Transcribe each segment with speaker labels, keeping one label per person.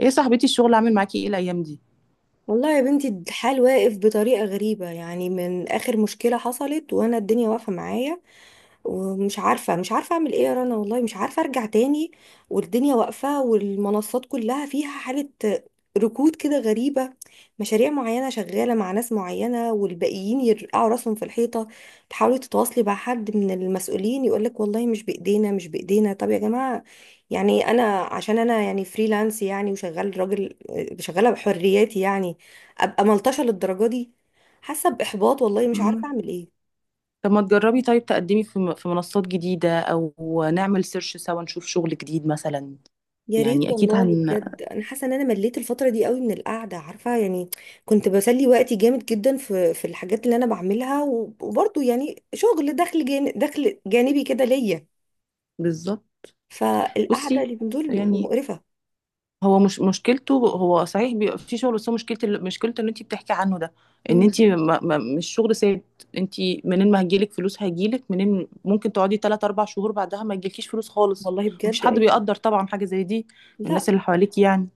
Speaker 1: ايه يا صاحبتي، الشغل عامل معاكي ايه الايام دي؟
Speaker 2: والله يا بنتي، الحال واقف بطريقة غريبة. يعني من آخر مشكلة حصلت وأنا الدنيا واقفة معايا. ومش عارفة مش عارفة أعمل إيه يا رنا، والله مش عارفة أرجع تاني. والدنيا واقفة، والمنصات كلها فيها حالة ركود كده غريبة. مشاريع معينة شغالة مع ناس معينة، والباقيين يرقعوا راسهم في الحيطة. تحاولي تتواصلي مع حد من المسؤولين يقولك والله مش بإيدينا، مش بإيدينا. طب يا جماعة، يعني أنا عشان أنا يعني فريلانس، يعني وشغال راجل شغالة بحرياتي، يعني أبقى ملطشة للدرجة دي؟ حاسة بإحباط، والله مش عارفة
Speaker 1: مم.
Speaker 2: أعمل إيه.
Speaker 1: طب ما تجربي؟ طيب تقدمي في في منصات جديدة، او نعمل سيرش سوا نشوف شغل جديد مثلا.
Speaker 2: يا ريت
Speaker 1: يعني اكيد
Speaker 2: والله،
Speaker 1: هن.
Speaker 2: بجد انا حاسه ان انا مليت الفتره دي قوي من القعده، عارفه يعني. كنت بسلي وقتي جامد جدا في الحاجات اللي انا بعملها، وبرضه يعني شغل دخل جانبي كده ليا.
Speaker 1: بالظبط.
Speaker 2: فالقعده
Speaker 1: بصي،
Speaker 2: اللي من دول
Speaker 1: يعني
Speaker 2: مقرفه.
Speaker 1: هو مش مشكلته، هو صحيح بيبقى في شغل، بس هو مشكلته، مشكلته اللي انت بتحكي عنه ده، ان
Speaker 2: امم.
Speaker 1: انت ما مش شغل ثابت انت. منين ما هيجيلك فلوس، هيجيلك منين؟ ممكن تقعدي 3 4 شهور بعدها ما يجيلكيش فلوس خالص.
Speaker 2: والله
Speaker 1: مفيش
Speaker 2: بجد
Speaker 1: حد
Speaker 2: ايوه.
Speaker 1: بيقدر طبعا حاجة زي دي، من الناس
Speaker 2: لا.
Speaker 1: اللي حواليك يعني.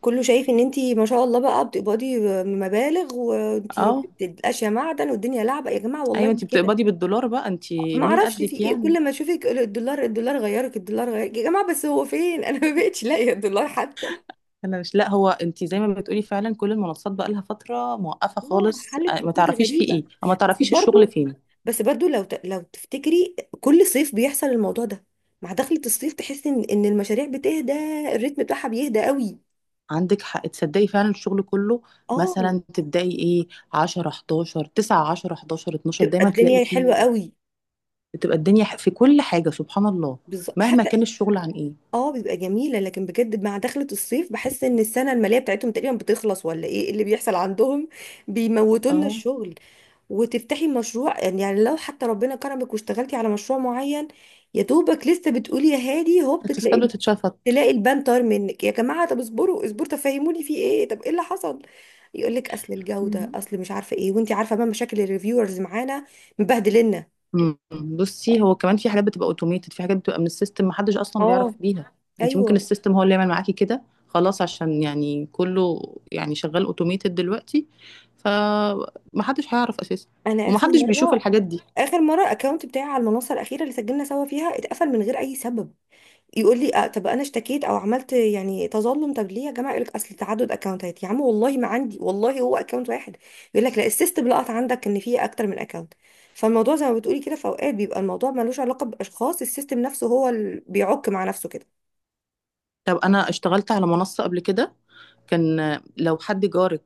Speaker 2: كله شايف ان انتي ما شاء الله بقى بتقبضي مبالغ، وانتي
Speaker 1: اه.
Speaker 2: بتبقاش يا معدن. والدنيا لعبه يا جماعه، والله
Speaker 1: ايوه،
Speaker 2: مش
Speaker 1: انت
Speaker 2: كده.
Speaker 1: بتقبضي بالدولار بقى، انت
Speaker 2: ما
Speaker 1: مين
Speaker 2: اعرفش في
Speaker 1: قدك
Speaker 2: ايه،
Speaker 1: يعني؟
Speaker 2: كل ما اشوفك الدولار الدولار، غيرك الدولار، غيرك يا جماعه. بس هو فين؟ انا ما بقتش لاقيه الدولار حتى.
Speaker 1: انا مش، لا، هو انت زي ما بتقولي فعلا، كل المنصات بقى لها فتره موقفه
Speaker 2: اه،
Speaker 1: خالص،
Speaker 2: حلت
Speaker 1: ما
Speaker 2: ركود
Speaker 1: تعرفيش في
Speaker 2: غريبة.
Speaker 1: ايه، او ما
Speaker 2: بس
Speaker 1: تعرفيش الشغل
Speaker 2: برضو
Speaker 1: فين.
Speaker 2: لو تفتكري كل صيف بيحصل الموضوع ده. مع دخلة الصيف تحسي ان المشاريع بتهدى، الريتم بتاعها بيهدى قوي.
Speaker 1: عندك حق، تصدقي فعلا الشغل كله،
Speaker 2: اه.
Speaker 1: مثلا تبداي ايه 10 11 9 10 11 12،
Speaker 2: بتبقى
Speaker 1: دايما تلاقي
Speaker 2: الدنيا حلوة
Speaker 1: فيه،
Speaker 2: قوي.
Speaker 1: بتبقى الدنيا في كل حاجه سبحان الله،
Speaker 2: بالظبط،
Speaker 1: مهما
Speaker 2: حتى.
Speaker 1: كان الشغل عن ايه.
Speaker 2: اه، بيبقى جميلة. لكن بجد مع دخلة الصيف، بحس ان السنة المالية بتاعتهم تقريبا بتخلص، ولا ايه اللي بيحصل عندهم؟ بيموتوا لنا
Speaker 1: اه،
Speaker 2: الشغل. وتفتحي مشروع، يعني لو حتى ربنا كرمك واشتغلتي على مشروع معين، يا دوبك لسه بتقولي يا هادي هوب،
Speaker 1: التسكات
Speaker 2: بتلاقي
Speaker 1: بتتشفط.
Speaker 2: تلاقي البان طار منك يا جماعه. طب اصبروا اصبروا، تفهموني في ايه؟ طب ايه اللي حصل؟ يقول لك اصل الجوده، اصل مش عارفه ايه. وانت عارفه بقى مشاكل الريفيورز معانا، مبهدلنا.
Speaker 1: مم. بصي، هو كمان في حاجات بتبقى اوتوميتد، في حاجات بتبقى من السيستم محدش اصلا
Speaker 2: اه.
Speaker 1: بيعرف بيها، انت
Speaker 2: ايوه.
Speaker 1: ممكن السيستم هو اللي يعمل معاكي كده. خلاص، عشان يعني كله يعني شغال اوتوميتد دلوقتي، فمحدش هيعرف اساسا،
Speaker 2: انا
Speaker 1: ومحدش بيشوف الحاجات دي.
Speaker 2: اخر مره الاكونت بتاعي على المنصه الاخيره اللي سجلنا سوا فيها اتقفل من غير اي سبب. يقول لي آه، طب انا اشتكيت او عملت يعني تظلم، طب ليه يا جماعه؟ يقول لك اصل تعدد اكونتات. يا عم والله ما عندي، والله هو اكونت واحد. يقول لك لا، السيستم لقط عندك ان في اكتر من اكونت. فالموضوع زي ما بتقولي كده، في اوقات بيبقى الموضوع ملوش علاقه باشخاص، السيستم نفسه هو اللي بيعك مع نفسه كده.
Speaker 1: طب انا اشتغلت على منصة قبل كده، كان لو حد جارك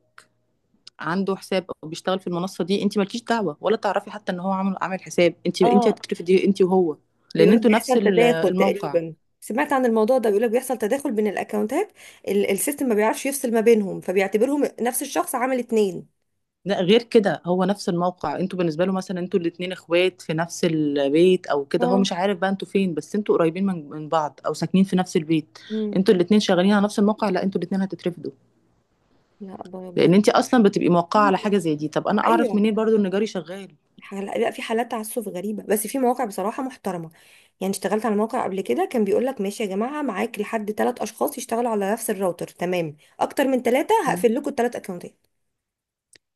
Speaker 1: عنده حساب او بيشتغل في المنصة دي، انت مالكيش دعوة ولا تعرفي حتى ان هو عامل عامل حساب، انت
Speaker 2: اه،
Speaker 1: هتترفدي انت وهو. لان
Speaker 2: بيقولوا
Speaker 1: انتوا نفس
Speaker 2: بيحصل تداخل
Speaker 1: الموقع.
Speaker 2: تقريبا. سمعت عن الموضوع ده، بيقولوا بيحصل تداخل بين الاكونتات. السيستم ما بيعرفش يفصل ما بينهم، فبيعتبرهم نفس الشخص عامل اتنين.
Speaker 1: لا، غير كده، هو نفس الموقع، انتوا بالنسبه له مثلا انتوا الاتنين اخوات في نفس البيت او كده، هو
Speaker 2: اه.
Speaker 1: مش عارف بقى انتوا فين، بس انتوا قريبين من بعض، او ساكنين في نفس البيت،
Speaker 2: مم.
Speaker 1: انتوا الاتنين شغالين على نفس الموقع، لا انتوا الاتنين هتترفدوا.
Speaker 2: لا.
Speaker 1: لان
Speaker 2: برضه.
Speaker 1: انت اصلا بتبقي موقعه على
Speaker 2: في-
Speaker 1: حاجه زي دي. طب انا اعرف
Speaker 2: ايوه.
Speaker 1: منين برضو ان جاري شغال؟
Speaker 2: لا، في حالات تعسف غريبة. بس في مواقع بصراحة محترمة. يعني اشتغلت على موقع قبل كده كان بيقول لك ماشي يا جماعة، معاك لحد 3 أشخاص يشتغلوا على نفس الراوتر، تمام. أكتر من 3
Speaker 1: مم.
Speaker 2: هقفل لكم ال 3 أكونتات.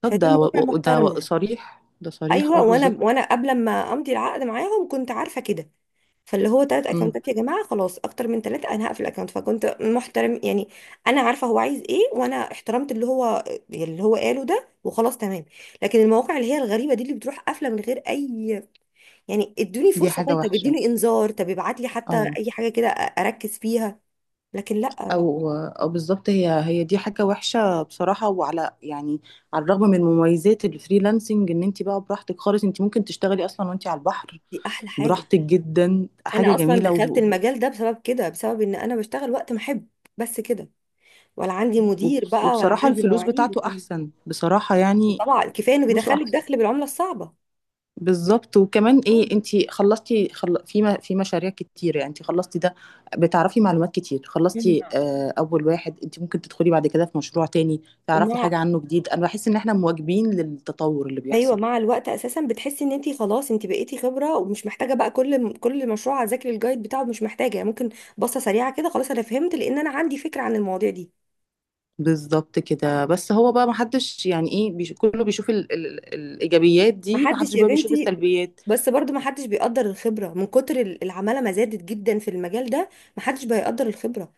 Speaker 1: طب
Speaker 2: فدي
Speaker 1: ده و...
Speaker 2: مواقع
Speaker 1: و- ده و...
Speaker 2: محترمة.
Speaker 1: صريح، ده صريح. اه،
Speaker 2: أيوة،
Speaker 1: بالظبط.
Speaker 2: وأنا قبل ما أمضي العقد معاهم كنت عارفة كده. فاللي هو ثلاث
Speaker 1: مم.
Speaker 2: أكونتات يا جماعة خلاص، أكتر من 3 أنا هقفل الأكونت. فكنت محترم يعني، أنا عارفة هو عايز إيه، وأنا احترمت اللي هو قاله ده، وخلاص تمام. لكن المواقع اللي هي الغريبة دي، اللي بتروح قافلة من غير أي، يعني ادوني
Speaker 1: دي
Speaker 2: فرصة،
Speaker 1: حاجه
Speaker 2: طيب طب
Speaker 1: وحشه.
Speaker 2: اديني انذار، طب ابعت لي حتى
Speaker 1: اه.
Speaker 2: اي حاجة كده اركز فيها. لكن لا، لا.
Speaker 1: او بالظبط، هي هي دي حاجه وحشه بصراحه، وعلى يعني على الرغم من مميزات الفريلانسنج ان انت بقى براحتك خالص، انت ممكن تشتغلي اصلا وانت على البحر،
Speaker 2: دي احلى حاجة.
Speaker 1: براحتك جدا، حاجه
Speaker 2: انا اصلا
Speaker 1: جميله،
Speaker 2: دخلت المجال ده بسبب كده، بسبب ان انا بشتغل وقت ما احب، بس كده. ولا عندي مدير بقى، ولا
Speaker 1: وبصراحه
Speaker 2: عندي
Speaker 1: الفلوس
Speaker 2: مواعيد
Speaker 1: بتاعته
Speaker 2: والكلام
Speaker 1: احسن، بصراحه
Speaker 2: ده.
Speaker 1: يعني،
Speaker 2: طبعا كفاية انه
Speaker 1: فلوسه
Speaker 2: بيدخلك
Speaker 1: احسن.
Speaker 2: دخل بالعملة الصعبة.
Speaker 1: بالظبط. وكمان
Speaker 2: آه.
Speaker 1: ايه، انت خلصتي في في مشاريع كتير، يعني انت خلصتي ده، بتعرفي معلومات كتير،
Speaker 2: مم.
Speaker 1: خلصتي اول واحد، انت ممكن تدخلي بعد كده في مشروع تاني، تعرفي
Speaker 2: ومع
Speaker 1: حاجة عنه جديد. انا بحس ان احنا مواكبين للتطور اللي
Speaker 2: ايوه،
Speaker 1: بيحصل.
Speaker 2: مع الوقت اساسا بتحسي ان انت خلاص انت بقيتي خبره، ومش محتاجه بقى كل مشروع اذاكر الجايد بتاعه، مش محتاجه يعني. ممكن بصه سريعه كده خلاص انا فهمت، لان انا عندي فكره عن المواضيع دي.
Speaker 1: بالظبط كده، بس هو بقى محدش يعني ايه، كله بيشوف الايجابيات دي،
Speaker 2: محدش
Speaker 1: محدش
Speaker 2: يا
Speaker 1: بقى بيشوف
Speaker 2: بنتي،
Speaker 1: السلبيات.
Speaker 2: بس برضو محدش بيقدر الخبرة، من كتر العمالة ما زادت جدا في المجال ده. محدش بيقدر الخبرة.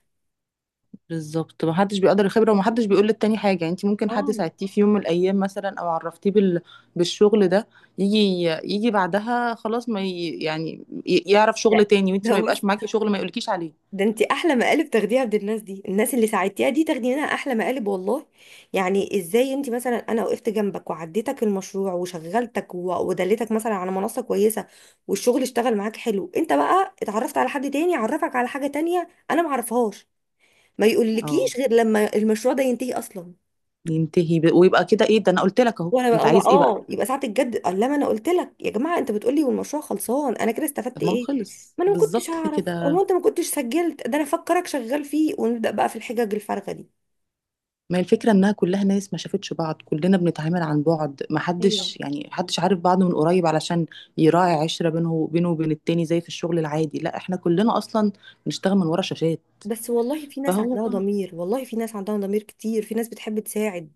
Speaker 1: بالظبط، محدش بيقدر الخبرة، ومحدش بيقول للتاني حاجة، يعني انت ممكن حد
Speaker 2: اه.
Speaker 1: ساعدتيه في يوم من الأيام مثلا، أو عرفتيه بالشغل ده، يجي، يجي بعدها خلاص، ما ي... يعني ي- يعرف
Speaker 2: ده
Speaker 1: شغل تاني،
Speaker 2: ده
Speaker 1: وانت ما يبقاش
Speaker 2: بص،
Speaker 1: معاكي شغل، ما يقولكيش عليه.
Speaker 2: ده انت احلى مقالب تاخديها عند الناس دي، الناس اللي ساعدتيها دي تاخدي منها احلى مقالب، والله. يعني ازاي؟ انت مثلا، انا وقفت جنبك وعديتك المشروع وشغلتك، ودلتك مثلا على منصة كويسة والشغل اشتغل معاك حلو. انت بقى اتعرفت على حد تاني عرفك على حاجة تانية انا معرفهاش، ما
Speaker 1: اه،
Speaker 2: يقولكيش غير لما المشروع ده ينتهي اصلا.
Speaker 1: ينتهي ويبقى كده ايه ده، أنا قلت لك أهو،
Speaker 2: وانا
Speaker 1: انت
Speaker 2: بقى
Speaker 1: عايز ايه بقى؟
Speaker 2: اه، يبقى ساعه الجد قال لما انا قلت لك يا جماعه، انت بتقول لي والمشروع خلصان، انا كده استفدت
Speaker 1: طب ما هو
Speaker 2: ايه؟
Speaker 1: خلص
Speaker 2: ما انا ما كنتش
Speaker 1: بالظبط
Speaker 2: اعرف،
Speaker 1: كده.
Speaker 2: او انت ما كنتش سجلت ده، انا فكرك شغال فيه، ونبدا بقى في الحجج الفارغه دي.
Speaker 1: ما هي الفكرة انها كلها ناس ما شافتش بعض، كلنا بنتعامل عن بعد، ما
Speaker 2: ايوه.
Speaker 1: حدش يعني حدش عارف بعضه من قريب علشان يراعي عشرة بينه وبينه وبين التاني زي في الشغل العادي، لا احنا كلنا اصلا بنشتغل من ورا شاشات.
Speaker 2: بس والله في ناس
Speaker 1: فهو،
Speaker 2: عندها ضمير، والله في ناس عندها ضمير كتير، في ناس بتحب تساعد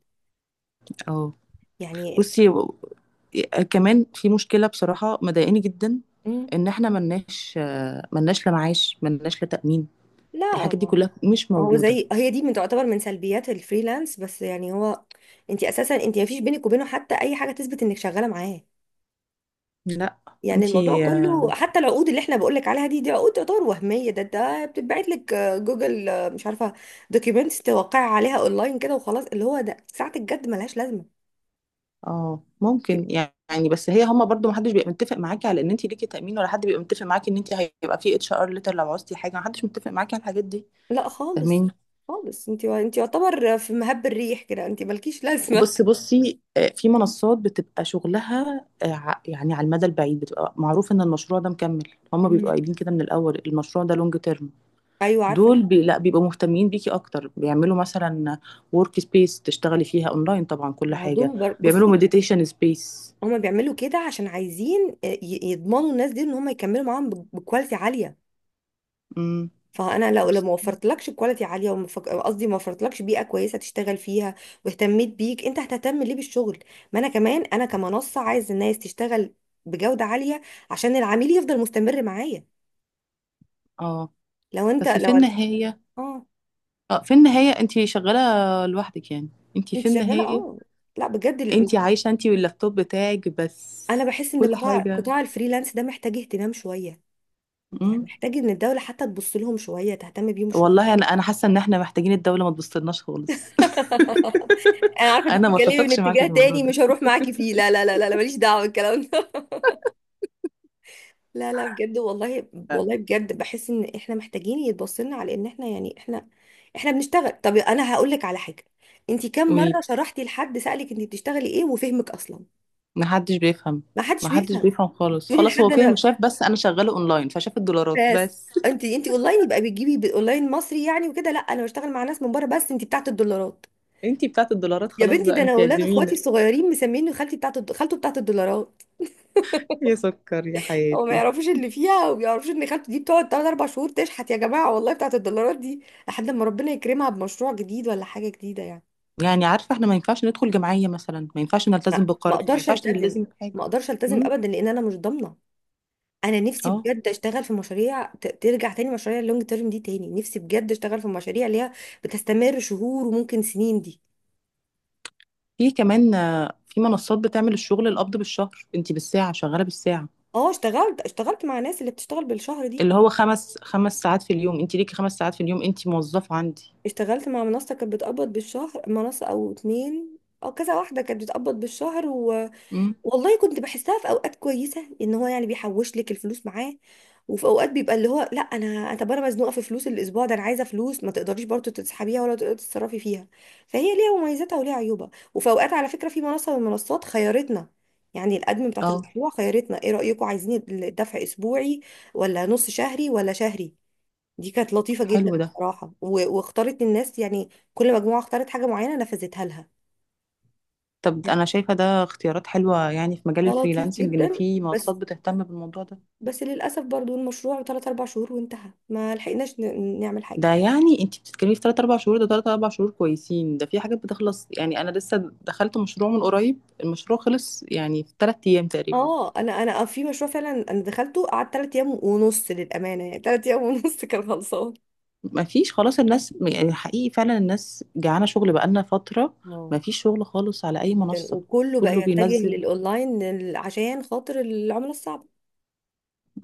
Speaker 1: اه،
Speaker 2: يعني.
Speaker 1: بصي كمان في مشكلة بصراحة مضايقاني جدا،
Speaker 2: مم،
Speaker 1: ان احنا ملناش، ملناش لا معاش، ملناش لا تأمين،
Speaker 2: لا.
Speaker 1: الحاجات دي كلها مش
Speaker 2: ما هو
Speaker 1: موجودة.
Speaker 2: زي هي دي، من تعتبر من سلبيات الفريلانس بس، يعني هو انت اساسا انت ما فيش بينك وبينه حتى اي حاجه تثبت انك شغاله معاه.
Speaker 1: لا
Speaker 2: يعني الموضوع
Speaker 1: انتي.
Speaker 2: كله، حتى العقود اللي احنا بقولك عليها دي، عقود تعتبر وهمية. ده بتتبعت لك، جوجل، مش عارفة، دوكيومنتس توقع عليها اونلاين كده وخلاص. اللي هو ده ساعة الجد ملهاش لازمة.
Speaker 1: اه، ممكن يعني، بس هي، هما برضو محدش بيبقى متفق معاكي على ان انت ليكي تأمين، ولا حد بيبقى متفق معاكي ان انت هيبقى في اتش ار ليتر لو عوزتي حاجة، محدش متفق معاكي على الحاجات دي.
Speaker 2: لا، خالص
Speaker 1: فاهماني؟
Speaker 2: خالص. انت يعتبر في مهب الريح كده، انت مالكيش لازمة.
Speaker 1: وبصي بصي، في منصات بتبقى شغلها، يعني على المدى البعيد بتبقى معروف ان المشروع ده مكمل، هما بيبقوا
Speaker 2: مم.
Speaker 1: قايلين كده من الاول المشروع ده لونج تيرم،
Speaker 2: ايوه عارفة.
Speaker 1: دول لا بيبقوا مهتمين بيكي اكتر، بيعملوا مثلا ورك سبيس تشتغلي فيها اونلاين طبعا، كل
Speaker 2: ما هو
Speaker 1: حاجة،
Speaker 2: دول
Speaker 1: بيعملوا
Speaker 2: بصي،
Speaker 1: مديتيشن سبيس.
Speaker 2: هما بيعملوا كده عشان عايزين يضمنوا الناس دي ان هما يكملوا معاهم بكواليتي عالية.
Speaker 1: امم.
Speaker 2: فانا لو ما وفرتلكش كواليتي عاليه، قصدي ما وفرتلكش بيئه كويسه تشتغل فيها، واهتميت بيك، انت هتهتم ليه بالشغل؟ ما انا كمان انا كمنصه عايز الناس تشتغل بجوده عاليه عشان العميل يفضل مستمر معايا.
Speaker 1: اه،
Speaker 2: لو انت
Speaker 1: بس في
Speaker 2: لو
Speaker 1: النهاية،
Speaker 2: اه،
Speaker 1: اه في النهاية انت شغالة لوحدك يعني، انت
Speaker 2: انت
Speaker 1: في
Speaker 2: شغاله.
Speaker 1: النهاية
Speaker 2: اه. لا بجد
Speaker 1: انت عايشة انت واللابتوب بتاعك بس،
Speaker 2: انا بحس ان
Speaker 1: كل حاجة.
Speaker 2: قطاع الفريلانس ده محتاج اهتمام شويه، يعني
Speaker 1: مم.
Speaker 2: محتاج ان الدوله حتى تبص لهم شويه، تهتم بيهم شويه.
Speaker 1: والله، انا حاسة ان احنا محتاجين الدولة ما تبصلناش خالص.
Speaker 2: انا عارفه انت
Speaker 1: انا ما
Speaker 2: بتتكلمي من
Speaker 1: اتفقش معاكي
Speaker 2: اتجاه
Speaker 1: في الموضوع
Speaker 2: تاني
Speaker 1: ده.
Speaker 2: مش هروح معاكي فيه، لا لا لا لا لا، ماليش دعوه بالكلام ده. لا لا بجد، والله والله بجد بحس ان احنا محتاجين يتبصلنا، على ان احنا يعني احنا بنشتغل. طب انا هقول لك على حاجه، انت كم مره
Speaker 1: قولي.
Speaker 2: شرحتي لحد سالك انت بتشتغلي ايه وفهمك اصلا؟
Speaker 1: ما حدش بيفهم.
Speaker 2: ما حدش
Speaker 1: ما حدش
Speaker 2: بيفهم.
Speaker 1: بيفهم خالص،
Speaker 2: تقولي لحد
Speaker 1: خلاص هو فاهم
Speaker 2: انا
Speaker 1: شايف بس انا شغالة اونلاين، فشاف الدولارات
Speaker 2: بس
Speaker 1: بس.
Speaker 2: انت اونلاين، يبقى بتجيبي اونلاين مصري يعني وكده. لا انا بشتغل مع ناس من بره. بس انت بتاعت الدولارات.
Speaker 1: انت بتاعت الدولارات،
Speaker 2: يا
Speaker 1: خلاص
Speaker 2: بنتي،
Speaker 1: بقى
Speaker 2: ده انا
Speaker 1: انت
Speaker 2: اولاد
Speaker 1: اعزمينا.
Speaker 2: اخواتي الصغيرين مسميني خالتي خالته بتاعت الدولارات.
Speaker 1: يا سكر، يا
Speaker 2: هو ما
Speaker 1: حياتي.
Speaker 2: يعرفوش اللي فيها، وما يعرفوش ان خالته دي بتقعد 3 4 شهور تشحت يا جماعه، والله بتاعت الدولارات دي لحد ما ربنا يكرمها بمشروع جديد ولا حاجه جديده يعني.
Speaker 1: يعني عارفة، احنا ما ينفعش ندخل جمعية مثلا، ما ينفعش نلتزم
Speaker 2: ما
Speaker 1: بقرض، ما
Speaker 2: اقدرش
Speaker 1: ينفعش
Speaker 2: التزم،
Speaker 1: نلتزم
Speaker 2: ما
Speaker 1: بحاجة.
Speaker 2: اقدرش التزم
Speaker 1: امم.
Speaker 2: ابدا لان انا مش ضامنه. انا نفسي
Speaker 1: اه.
Speaker 2: بجد اشتغل في مشاريع ترجع تاني، مشاريع اللونج تيرم دي تاني. نفسي بجد اشتغل في مشاريع اللي هي بتستمر شهور وممكن سنين دي.
Speaker 1: في كمان، في منصات بتعمل الشغل القبض بالشهر، انت بالساعة، شغالة بالساعة،
Speaker 2: اه، اشتغلت مع ناس اللي بتشتغل بالشهر دي.
Speaker 1: اللي هو خمس خمس ساعات في اليوم، انت ليكي خمس ساعات في اليوم، انت موظفة عندي.
Speaker 2: اشتغلت مع منصه كانت بتقبض بالشهر، منصه او اتنين او كذا واحده كانت بتقبض بالشهر.
Speaker 1: امم.
Speaker 2: والله كنت بحسها في اوقات كويسه، ان هو يعني بيحوش لك الفلوس معاه. وفي اوقات بيبقى اللي هو لا، انا طب انا مزنوقه في فلوس الاسبوع ده، انا عايزه فلوس، ما تقدريش برضه تسحبيها ولا تقدري تتصرفي فيها. فهي ليها مميزاتها وليها عيوبها. وفي اوقات على فكره في منصه من المنصات خيرتنا، يعني الادمن بتاعت
Speaker 1: اه.
Speaker 2: المشروع خيرتنا ايه رايكم، عايزين الدفع اسبوعي ولا نص شهري ولا شهري؟ دي كانت لطيفه جدا
Speaker 1: حلو ده.
Speaker 2: بصراحه، واختارت الناس. يعني كل مجموعه اختارت حاجه معينه نفذتها لها.
Speaker 1: طب انا شايفة ده اختيارات حلوة يعني في مجال
Speaker 2: ده لطيف
Speaker 1: الفريلانسنج، ان
Speaker 2: جدا.
Speaker 1: في منصات
Speaker 2: بس
Speaker 1: بتهتم بالموضوع ده.
Speaker 2: للأسف برضو المشروع 3 4 شهور وانتهى، ما لحقناش نعمل حاجة.
Speaker 1: ده يعني انت بتتكلمي في 3 4 شهور، ده 3 4 شهور كويسين، ده في حاجات بتخلص يعني، انا لسه دخلت مشروع من قريب المشروع خلص يعني في 3 ايام تقريبا.
Speaker 2: اه، انا في مشروع فعلا انا دخلته، قعدت 3 ايام ونص للامانه يعني، 3 ايام ونص كان خلصان.
Speaker 1: ما فيش خلاص، الناس يعني حقيقي فعلا الناس جعانة شغل بقالنا فترة، ما
Speaker 2: اه،
Speaker 1: فيش شغل خالص على اي
Speaker 2: جدا.
Speaker 1: منصة،
Speaker 2: وكله بقى
Speaker 1: كله
Speaker 2: يتجه
Speaker 1: بينزل.
Speaker 2: للاونلاين عشان خاطر العمله الصعبه.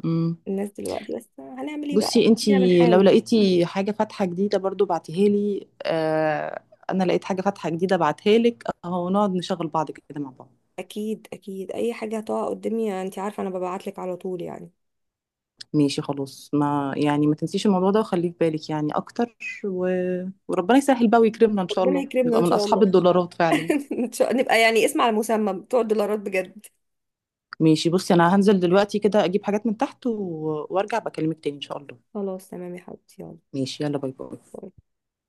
Speaker 1: امم.
Speaker 2: الناس دلوقتي، بس هنعمل ايه بقى،
Speaker 1: بصي انت،
Speaker 2: خلينا
Speaker 1: لو
Speaker 2: بنحاول.
Speaker 1: لقيتي حاجة فاتحة جديدة برضو بعتيها لي، آه، انا لقيت حاجة فاتحة جديدة بعتها لك اهو، نقعد نشغل بعض كده مع بعض.
Speaker 2: اكيد اكيد، اي حاجه هتقع قدامي انت عارفه انا ببعت لك على طول يعني.
Speaker 1: ماشي. خلاص، ما يعني ما تنسيش الموضوع ده وخليه في بالك يعني اكتر، و... وربنا يسهل بقى ويكرمنا ان شاء
Speaker 2: ربنا
Speaker 1: الله
Speaker 2: يكرمنا
Speaker 1: نبقى
Speaker 2: ان
Speaker 1: من
Speaker 2: شاء
Speaker 1: اصحاب
Speaker 2: الله.
Speaker 1: الدولارات فعلا.
Speaker 2: ان شاء نبقى يعني اسم على مسمى بتوع الدولارات بجد.
Speaker 1: ماشي. بصي، انا هنزل دلوقتي كده اجيب حاجات من تحت، وارجع بكلمك تاني ان شاء الله.
Speaker 2: خلاص تمام يا حبيبتي، يلا،
Speaker 1: ماشي. يلا باي باي.
Speaker 2: باي.